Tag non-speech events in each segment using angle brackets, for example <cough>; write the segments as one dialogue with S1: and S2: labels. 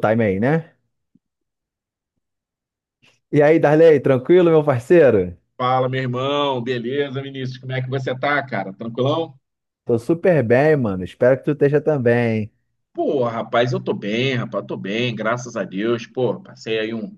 S1: Time aí, né? E aí, Darley, tranquilo, meu parceiro?
S2: Fala, meu irmão. Beleza, Vinícius? Como é que você tá, cara? Tranquilão?
S1: Tô super bem, mano. Espero que tu esteja também.
S2: Pô, rapaz, eu tô bem, rapaz, tô bem, graças a Deus. Pô, passei aí um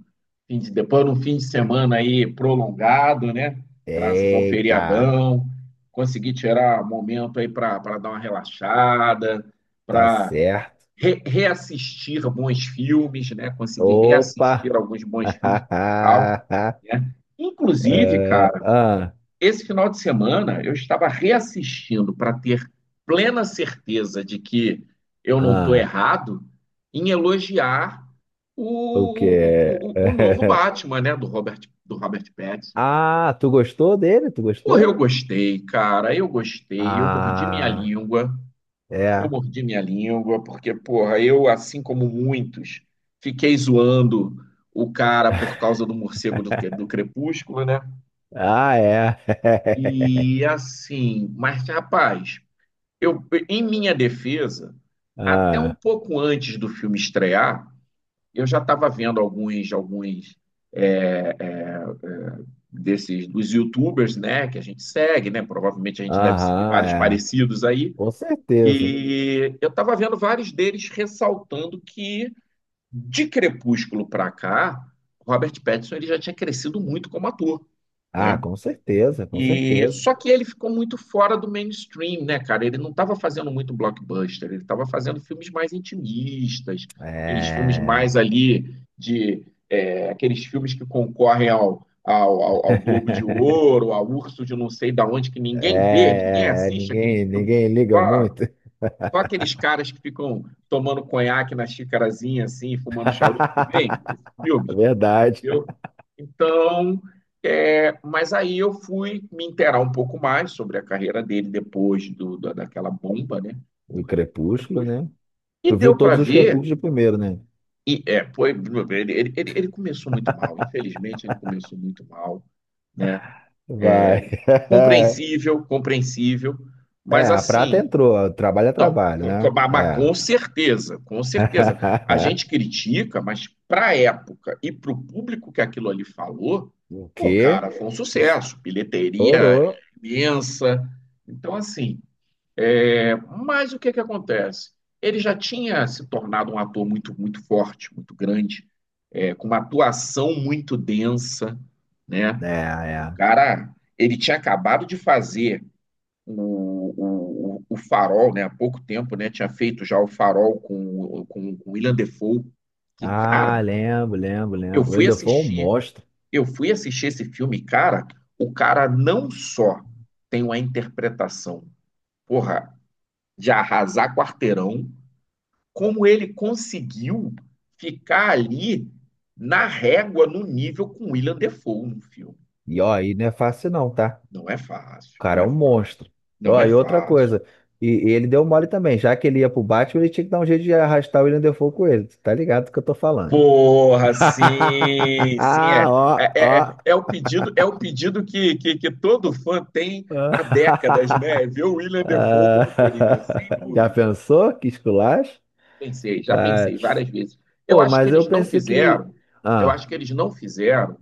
S2: depois de um fim de semana aí prolongado, né? Graças ao
S1: Eita,
S2: feriadão, consegui tirar um momento aí pra para dar uma relaxada,
S1: tá
S2: pra
S1: certo.
S2: reassistir bons filmes, né? Consegui
S1: Opa!
S2: reassistir alguns bons filmes, e tal,
S1: <laughs>
S2: né? Inclusive,
S1: É,
S2: cara.
S1: ah,
S2: Esse final de semana eu estava reassistindo para ter plena certeza de que eu não estou
S1: ah,
S2: errado em elogiar
S1: o
S2: o, o,
S1: quê?
S2: o, o novo
S1: <laughs>
S2: Batman, né, do Robert Pattinson, cara.
S1: Ah, tu gostou dele? Tu
S2: Porra, eu
S1: gostou?
S2: gostei, cara, eu gostei, eu mordi minha
S1: Ah,
S2: língua,
S1: é.
S2: porque, porra, eu, assim como muitos, fiquei zoando o cara por causa do morcego
S1: <laughs>
S2: do Crepúsculo, né?
S1: Ah, é.
S2: E
S1: <laughs>
S2: assim, mas, rapaz, eu, em minha defesa, até um
S1: Ah,
S2: pouco antes do filme estrear, eu já estava vendo alguns é, é, é, desses dos YouTubers, né, que a gente segue, né? Provavelmente a gente deve seguir
S1: aham,
S2: vários
S1: é.
S2: parecidos aí.
S1: Com certeza.
S2: E eu estava vendo vários deles ressaltando que de Crepúsculo para cá, Robert Pattinson ele já tinha crescido muito como ator,
S1: Ah,
S2: né?
S1: com certeza, com
S2: E
S1: certeza.
S2: só que ele ficou muito fora do mainstream, né, cara? Ele não estava fazendo muito blockbuster, ele estava fazendo filmes mais intimistas, aqueles filmes
S1: É.
S2: mais ali de aqueles filmes que concorrem ao Globo de Ouro, ao Urso de não sei da onde que ninguém vê, ninguém
S1: É, é,
S2: assiste aqueles
S1: ninguém,
S2: filmes.
S1: ninguém liga
S2: Só,
S1: muito.
S2: só aqueles caras que ficam tomando conhaque na xicarazinha assim, fumando charuto que vem, esses
S1: <laughs>
S2: filmes.
S1: Verdade.
S2: Viu? Então, é, mas aí eu fui me inteirar um pouco mais sobre a carreira dele depois daquela bomba, né?
S1: Do
S2: Horrível.
S1: Crepúsculo,
S2: Crepúsculo.
S1: né?
S2: E
S1: Tu viu
S2: deu para
S1: todos os Crepúsculos
S2: ver,
S1: de primeiro, né?
S2: e é, foi, ele começou muito mal, infelizmente ele começou muito mal, né?
S1: Vai. <laughs>
S2: Compreensível, compreensível,
S1: É,
S2: mas
S1: a prata
S2: assim,
S1: entrou. Trabalho é
S2: não,
S1: trabalho, né?
S2: mas
S1: É.
S2: com certeza, com certeza. A
S1: <laughs>
S2: gente critica, mas para a época e para o público que aquilo ali falou,
S1: O
S2: pô,
S1: quê?
S2: cara, foi um sucesso, bilheteria
S1: Estourou.
S2: imensa. Então, assim, é, mas o que que acontece? Ele já tinha se tornado um ator muito, muito forte, muito grande, é, com uma atuação muito densa, né?
S1: É,
S2: O
S1: é.
S2: cara, ele tinha acabado de fazer o Farol, né? Há pouco tempo, né? Tinha feito já o Farol com Willem Dafoe. Que,
S1: Ah,
S2: cara,
S1: lembro, lembro,
S2: eu
S1: lembro. O
S2: fui
S1: Ildefonso é um
S2: assistir,
S1: monstro.
S2: eu fui assistir esse filme, e, cara, o cara não só tem uma interpretação, porra, de arrasar quarteirão, como ele conseguiu ficar ali na régua, no nível com Willem Dafoe no filme.
S1: E ó, aí não é fácil não, tá?
S2: Não é
S1: O
S2: fácil, não
S1: cara é
S2: é
S1: um
S2: fácil,
S1: monstro.
S2: não
S1: Ó,
S2: é
S1: e outra
S2: fácil.
S1: coisa, e ele deu mole também, já que ele ia pro Batman, ele tinha que dar um jeito de arrastar o William Dafoe com ele. Tu tá ligado do que eu tô falando?
S2: Porra,
S1: <laughs>
S2: sim, sim, é.
S1: Ó, ó.
S2: É o pedido que todo fã tem há décadas, né? É
S1: <laughs>
S2: ver o William Defoe como
S1: Ah,
S2: Coringa, sem
S1: já
S2: dúvida.
S1: pensou? Que esculacho?
S2: Pensei, já
S1: Ah,
S2: pensei várias vezes. Eu
S1: pô,
S2: acho que
S1: mas eu
S2: eles não
S1: pensei que.
S2: fizeram, eu acho
S1: Ah,
S2: que eles não fizeram,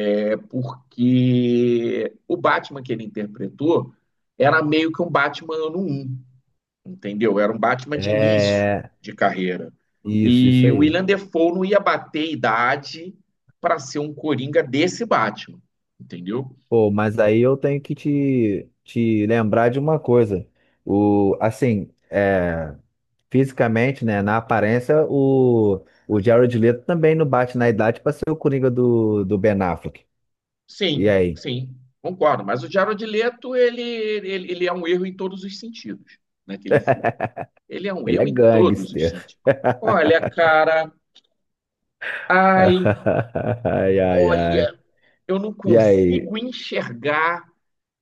S2: é porque o Batman que ele interpretou era meio que um Batman ano um, entendeu? Era um Batman de início
S1: é.
S2: de carreira.
S1: Isso
S2: E o
S1: aí.
S2: William Defoe não ia bater idade para ser um Coringa desse Batman, entendeu?
S1: Pô, mas aí eu tenho que te lembrar de uma coisa. O, assim, é. Fisicamente, né, na aparência, o Jared Leto também não bate na idade para ser o Coringa do Ben Affleck. E
S2: Sim,
S1: aí?
S2: sim, concordo. Mas o Jared Leto, ele é um erro em todos os sentidos naquele filme. Ele é um
S1: Ele é
S2: erro em todos os
S1: gangster.
S2: sentidos. Olha, cara, ai,
S1: <laughs> Ai, ai, ai.
S2: olha, eu não
S1: E aí?
S2: consigo enxergar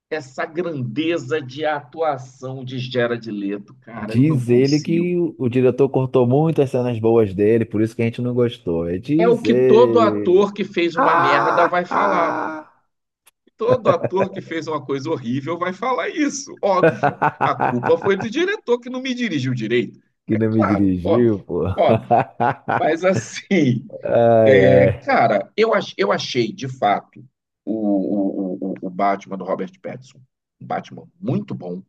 S2: essa grandeza de atuação de Jared Leto, cara, eu não
S1: Diz ele
S2: consigo.
S1: que o diretor cortou muitas cenas boas dele, por isso que a gente não gostou. É,
S2: É o
S1: diz
S2: que todo
S1: ele.
S2: ator que fez uma merda
S1: Ah,
S2: vai falar, pô.
S1: ah.
S2: Todo ator que fez uma coisa horrível vai falar isso, óbvio. A
S1: <laughs>
S2: culpa foi do diretor que não me dirigiu direito.
S1: Que
S2: É
S1: não me
S2: claro,
S1: dirigiu,
S2: óbvio,
S1: pô. <laughs>
S2: óbvio.
S1: Ai,
S2: Mas assim, é,
S1: ai.
S2: cara, eu achei de fato o Batman do Robert Pattinson um Batman muito bom,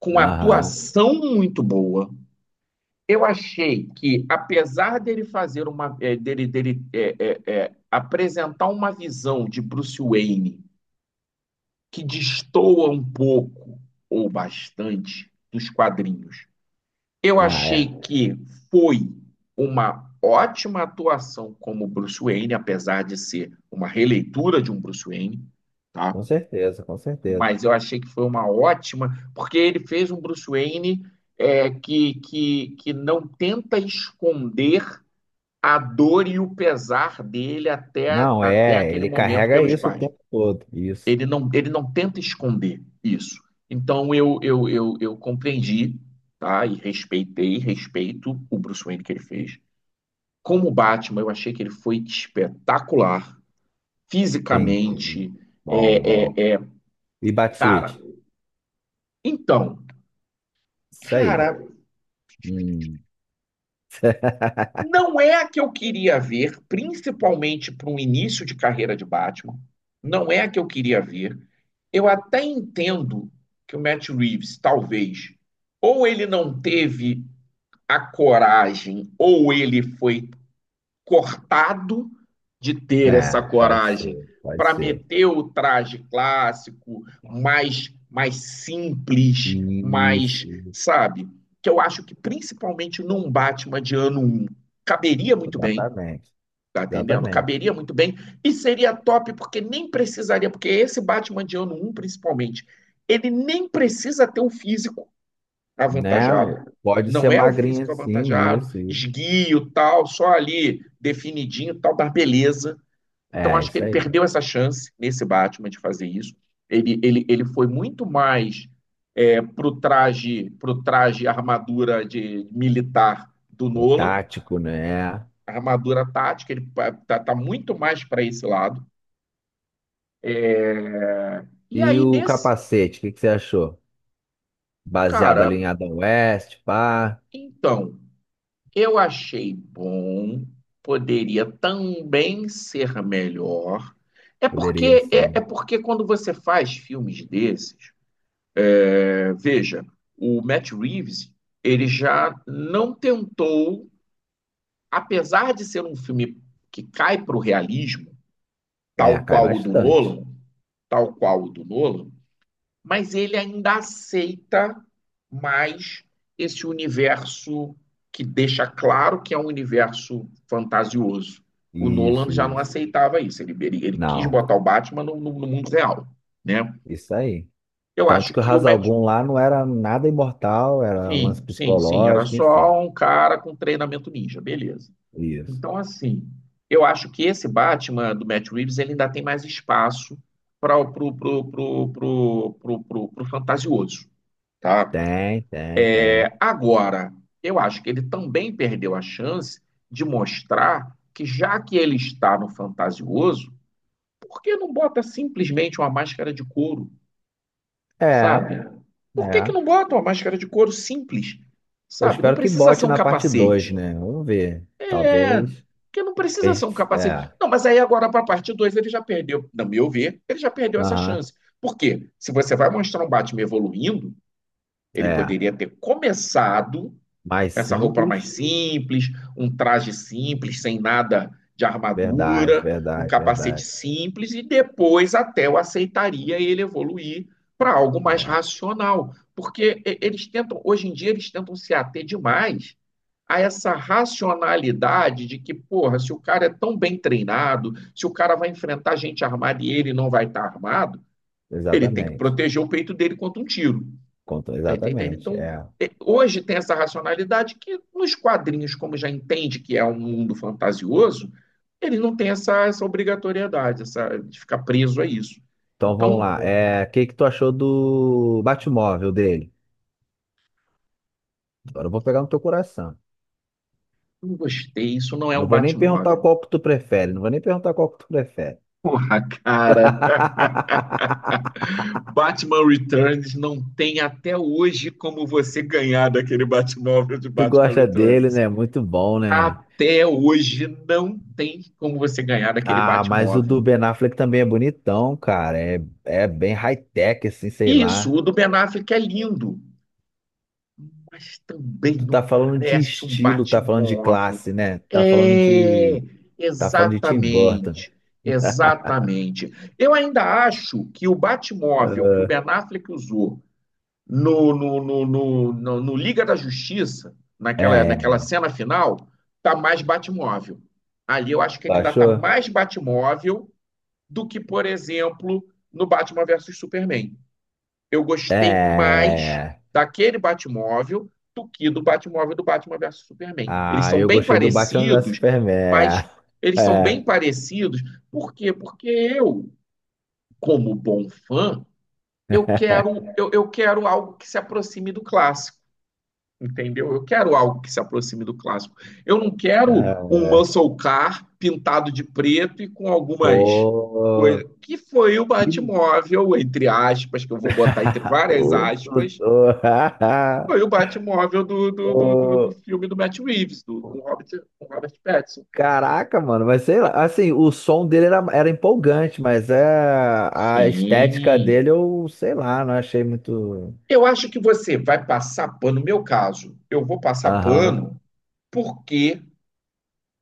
S2: com
S1: Aham.
S2: atuação muito boa. Eu achei que, apesar dele fazer uma, dele apresentar uma visão de Bruce Wayne que destoa um pouco ou bastante dos quadrinhos, eu
S1: Ah, é.
S2: achei que foi uma ótima atuação como Bruce Wayne, apesar de ser uma releitura de um Bruce Wayne, tá?
S1: Com certeza, com certeza.
S2: Mas eu achei que foi uma ótima, porque ele fez um Bruce Wayne que não tenta esconder a dor e o pesar dele até,
S1: Não,
S2: até
S1: é,
S2: aquele
S1: ele
S2: momento
S1: carrega
S2: pelos
S1: isso o
S2: pais.
S1: tempo todo. Isso,
S2: Ele não tenta esconder isso. Então eu compreendi, tá? E respeitei, respeito o Bruce Wayne que ele fez. Como Batman, eu achei que ele foi espetacular
S1: entendi.
S2: fisicamente.
S1: Bom,
S2: É,
S1: bom.
S2: é, é,
S1: E bate
S2: cara,
S1: switch?
S2: então,
S1: Isso aí.
S2: cara,
S1: Hum. <laughs>
S2: não é a que eu queria ver, principalmente para um início de carreira de Batman. Não é a que eu queria ver. Eu até entendo que o Matt Reeves, talvez, ou ele não teve a coragem, ou ele foi cortado de ter essa
S1: É, pode
S2: coragem
S1: ser, pode
S2: para
S1: ser.
S2: meter o traje clássico, mais, mais simples, mais,
S1: Isso,
S2: sabe? Que eu acho que principalmente num Batman de ano um caberia muito bem,
S1: exatamente,
S2: tá entendendo?
S1: exatamente.
S2: Caberia muito bem e seria top porque nem precisaria, porque esse Batman de ano um principalmente, ele nem precisa ter um físico
S1: Não,
S2: avantajado.
S1: pode ser
S2: Não é o
S1: magrinha
S2: físico
S1: sim,
S2: avantajado,
S1: isso, isso.
S2: esguio, tal, só ali definidinho, tal, da beleza. Então,
S1: É,
S2: acho que
S1: isso
S2: ele
S1: aí.
S2: perdeu essa chance nesse Batman de fazer isso. Ele foi muito mais é, pro traje armadura de militar do
S1: É
S2: Nolan,
S1: tático, né?
S2: armadura tática, ele tá, tá muito mais para esse lado. E
S1: E
S2: aí,
S1: o
S2: nesse,
S1: capacete, o que que você achou? Baseado
S2: cara,
S1: ali em Adam West, pá,
S2: então, eu achei bom, poderia também ser melhor. É
S1: poderia
S2: porque é, é
S1: sim.
S2: porque quando você faz filmes desses, é, veja, o Matt Reeves, ele já não tentou, apesar de ser um filme que cai para o realismo,
S1: É,
S2: tal
S1: cai
S2: qual o do
S1: bastante.
S2: Nolan, tal qual o do Nolan, mas ele ainda aceita mais esse universo que deixa claro que é um universo fantasioso. O Nolan
S1: Isso,
S2: já não
S1: isso.
S2: aceitava isso, ele quis
S1: Não,
S2: botar o Batman no mundo real, né?
S1: isso aí.
S2: Eu
S1: Tanto
S2: acho
S1: que o
S2: que o
S1: Ra's al
S2: Matt...
S1: Ghul lá não era nada imortal, era um lance
S2: Sim, sim, sim, era
S1: psicológico, enfim.
S2: só um cara com treinamento ninja, beleza.
S1: Isso.
S2: Então, assim, eu acho que esse Batman do Matt Reeves ele ainda tem mais espaço para o pro, pro, pro, pro, pro, pro- pro fantasioso, tá?
S1: Tem, tem, tem.
S2: É, agora, eu acho que ele também perdeu a chance de mostrar que, já que ele está no fantasioso, por que não bota simplesmente uma máscara de couro,
S1: É,
S2: sabe? Por que, que
S1: é.
S2: não bota uma máscara de couro simples,
S1: Eu
S2: sabe? Não
S1: espero que
S2: precisa
S1: bote
S2: ser um
S1: na parte dois,
S2: capacete.
S1: né? Vamos ver.
S2: É,
S1: Talvez.
S2: porque não precisa ser um capacete.
S1: É,
S2: Não, mas aí agora para a parte 2 ele já perdeu, no meu ver, ele já perdeu essa
S1: aham,
S2: chance. Por quê? Se você vai mostrar um Batman evoluindo, ele
S1: é.
S2: poderia ter começado
S1: Mais
S2: essa roupa mais
S1: simples.
S2: simples, um traje simples, sem nada de
S1: Verdade,
S2: armadura, um
S1: verdade,
S2: capacete
S1: verdade.
S2: simples, e depois até eu aceitaria ele evoluir para algo mais
S1: É,
S2: racional. Porque eles tentam, hoje em dia, eles tentam se ater demais a essa racionalidade de que, porra, se o cara é tão bem treinado, se o cara vai enfrentar gente armada e ele não vai estar tá armado, ele tem que
S1: exatamente.
S2: proteger o peito dele contra um tiro.
S1: Contou
S2: Tá entendendo?
S1: exatamente,
S2: Então,
S1: é.
S2: é, hoje tem essa racionalidade que nos quadrinhos, como já entende que é um mundo fantasioso, ele não tem essa, essa obrigatoriedade, essa, de ficar preso a isso.
S1: Então vamos lá.
S2: Então,
S1: É, o que que tu achou do Batmóvel dele? Agora eu vou pegar no teu coração.
S2: não gostei, isso não é
S1: Não
S2: um
S1: vou nem perguntar
S2: Batmóvel.
S1: qual que tu prefere. Não vou nem perguntar qual que tu prefere.
S2: Porra, cara. <laughs>
S1: <laughs>
S2: Batman Returns não tem até hoje como você ganhar daquele Batmóvel de
S1: Tu
S2: Batman
S1: gosta dele,
S2: Returns.
S1: né? Muito bom, né?
S2: Até hoje não tem como você ganhar daquele
S1: Ah, mas o
S2: Batmóvel.
S1: do Ben Affleck também é bonitão, cara. É, é bem high-tech, assim, sei
S2: Isso,
S1: lá.
S2: o do Ben Affleck é lindo, mas também
S1: Tu
S2: não
S1: tá falando de
S2: parece um
S1: estilo, tá falando de
S2: Batmóvel.
S1: classe, né? Tá falando
S2: É,
S1: de. Tá falando de Tim Burton.
S2: exatamente, exatamente. Eu ainda acho que o Batmóvel que o Ben Affleck usou no Liga da Justiça,
S1: É,
S2: naquela,
S1: é,
S2: naquela
S1: é.
S2: cena final, tá mais Batmóvel. Ali eu acho que
S1: Tu
S2: ele ainda tá
S1: achou?
S2: mais Batmóvel do que, por exemplo, no Batman versus Superman eu
S1: É.
S2: gostei
S1: É,
S2: mais
S1: é.
S2: daquele Batmóvel do que do Batmóvel do Batman versus Superman. Eles
S1: Ah,
S2: são
S1: eu
S2: bem
S1: gostei do Batman vs
S2: parecidos,
S1: Superman.
S2: mas eles são
S1: É.
S2: bem parecidos. Por quê? Porque eu, como bom fã, eu quero,
S1: <laughs>
S2: eu quero algo que se aproxime do clássico, entendeu? Eu quero algo que se aproxime do clássico. Eu não quero um
S1: É.
S2: muscle car pintado de preto e com algumas
S1: Pô.
S2: coisas, que foi o
S1: Que...
S2: Batmóvel, entre aspas, que eu vou botar entre
S1: <laughs>
S2: várias
S1: Ô,
S2: aspas,
S1: doutor.
S2: foi o
S1: <laughs>
S2: Batmóvel do
S1: Ô,
S2: filme do Matt Reeves, do, com Robert Pattinson.
S1: caraca, mano, mas sei lá, assim, o som dele era empolgante, mas é, a estética
S2: Sim.
S1: dele eu, sei lá, não achei muito.
S2: Eu acho que você vai passar pano, no meu caso, eu vou passar
S1: Aham.
S2: pano porque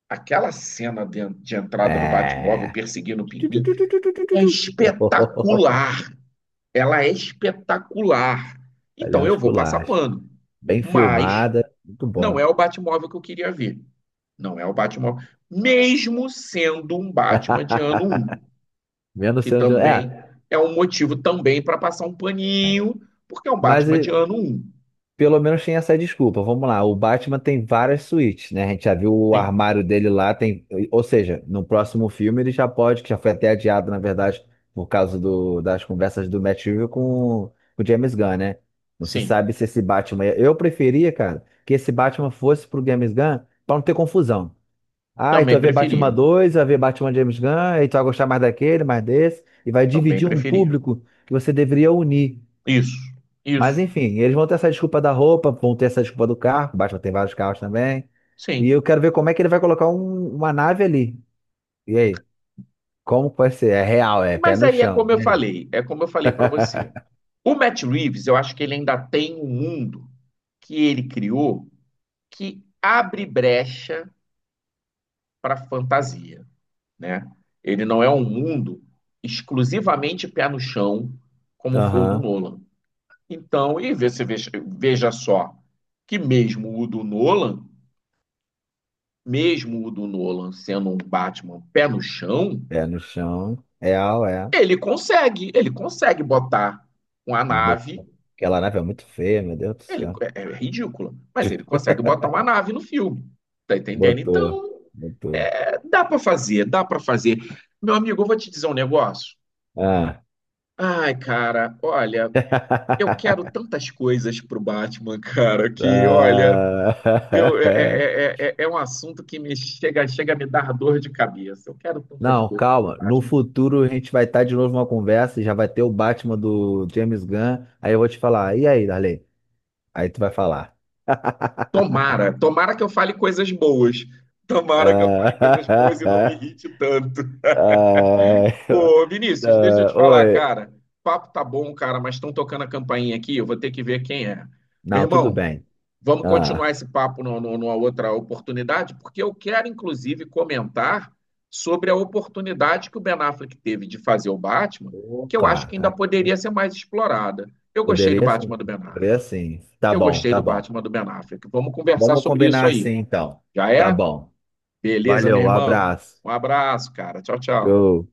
S2: aquela cena de entrada do Batmóvel
S1: É. <laughs>
S2: perseguindo o pinguim
S1: Tu,
S2: é
S1: tu. <laughs>
S2: espetacular. Ela é espetacular.
S1: Ali é
S2: Então
S1: um
S2: eu vou passar
S1: esculacho.
S2: pano.
S1: Bem
S2: Mas
S1: filmada, muito
S2: não
S1: bom.
S2: é o Batmóvel que eu queria ver. Não é o Batmóvel. Mesmo sendo um Batman de ano
S1: <laughs>
S2: um.
S1: Menos
S2: Que
S1: sendo de.
S2: também
S1: É.
S2: é um motivo também para passar um
S1: É.
S2: paninho, porque é um
S1: Mas,
S2: Batman de ano um.
S1: Pelo menos tem essa desculpa. Vamos lá, o Batman tem várias suítes, né? A gente já viu o
S2: Sim,
S1: armário dele lá, tem, ou seja, no próximo filme ele já pode, que já foi até adiado, na verdade, por causa das conversas do Matt Reeves com o James Gunn, né? Não se
S2: sim.
S1: sabe se esse Batman. Eu preferia, cara, que esse Batman fosse pro James Gunn pra não ter confusão. Ah, então
S2: Também
S1: vai ver Batman
S2: preferia.
S1: 2, vai ver Batman James Gunn, aí tu vai gostar mais daquele, mais desse, e vai
S2: Também
S1: dividir um
S2: preferia.
S1: público que você deveria unir.
S2: Isso, isso.
S1: Mas enfim, eles vão ter essa desculpa da roupa, vão ter essa desculpa do carro, basta tem vários carros também. E
S2: Sim.
S1: eu quero ver como é que ele vai colocar uma nave ali. E aí? Como vai ser? É real, é pé
S2: Mas
S1: no
S2: aí é
S1: chão.
S2: como eu
S1: E aí?
S2: falei, é como eu falei para você.
S1: <laughs>
S2: O Matt Reeves, eu acho que ele ainda tem um mundo que ele criou que abre brecha para fantasia, né? Ele não é um mundo exclusivamente pé no chão como foi o do
S1: Aham,
S2: Nolan. Então, e você veja, veja só que mesmo o do Nolan, mesmo o do Nolan sendo um Batman pé no chão,
S1: pé no chão. Real, é.
S2: ele consegue botar uma
S1: Não
S2: nave,
S1: botou. Aquela nave é muito feia, meu Deus do
S2: ele
S1: céu.
S2: é, é ridícula, mas ele consegue botar uma nave no filme. Tá entendendo?
S1: Botou,
S2: Então,
S1: botou.
S2: é, dá para fazer, dá para fazer. Meu amigo, eu vou te dizer um negócio.
S1: Ah.
S2: Ai, cara, olha, eu quero
S1: <laughs>
S2: tantas coisas pro Batman, <laughs> cara, que olha, eu,
S1: Ah. <laughs>
S2: um assunto que me chega, chega a me dar dor de cabeça. Eu quero tantas
S1: Não,
S2: coisas pro
S1: calma. No
S2: Batman.
S1: futuro a gente vai estar de novo numa conversa, e já vai ter o Batman do James Gunn. Aí eu vou te falar, e aí, Darley? Aí tu vai falar.
S2: Tomara, tomara que eu fale coisas boas. Tomara que eu fale coisas boas e não me
S1: Ah,
S2: irrite tanto.
S1: <laughs> ah,
S2: Ô,
S1: <laughs>
S2: Vinícius, deixa eu
S1: ah,
S2: te falar,
S1: oi.
S2: cara. Papo tá bom, cara, mas estão tocando a campainha aqui, eu vou ter que ver quem é. Meu
S1: Não, tudo
S2: irmão,
S1: bem.
S2: vamos continuar
S1: Ah,
S2: esse papo numa outra oportunidade, porque eu quero, inclusive, comentar sobre a oportunidade que o Ben Affleck teve de fazer o Batman,
S1: ô,
S2: que eu acho
S1: cara,
S2: que ainda
S1: cara,
S2: poderia ser mais explorada. Eu gostei do
S1: poderia
S2: Batman
S1: sim.
S2: do Ben Affleck.
S1: Poderia sim. Tá
S2: Eu
S1: bom,
S2: gostei
S1: tá
S2: do
S1: bom.
S2: Batman do Ben Affleck. Vamos conversar
S1: Vamos
S2: sobre isso
S1: combinar
S2: aí.
S1: assim então.
S2: Já
S1: Tá
S2: é?
S1: bom.
S2: Beleza,
S1: Valeu,
S2: meu
S1: um
S2: irmão.
S1: abraço.
S2: Um abraço, cara. Tchau, tchau.
S1: Tchau.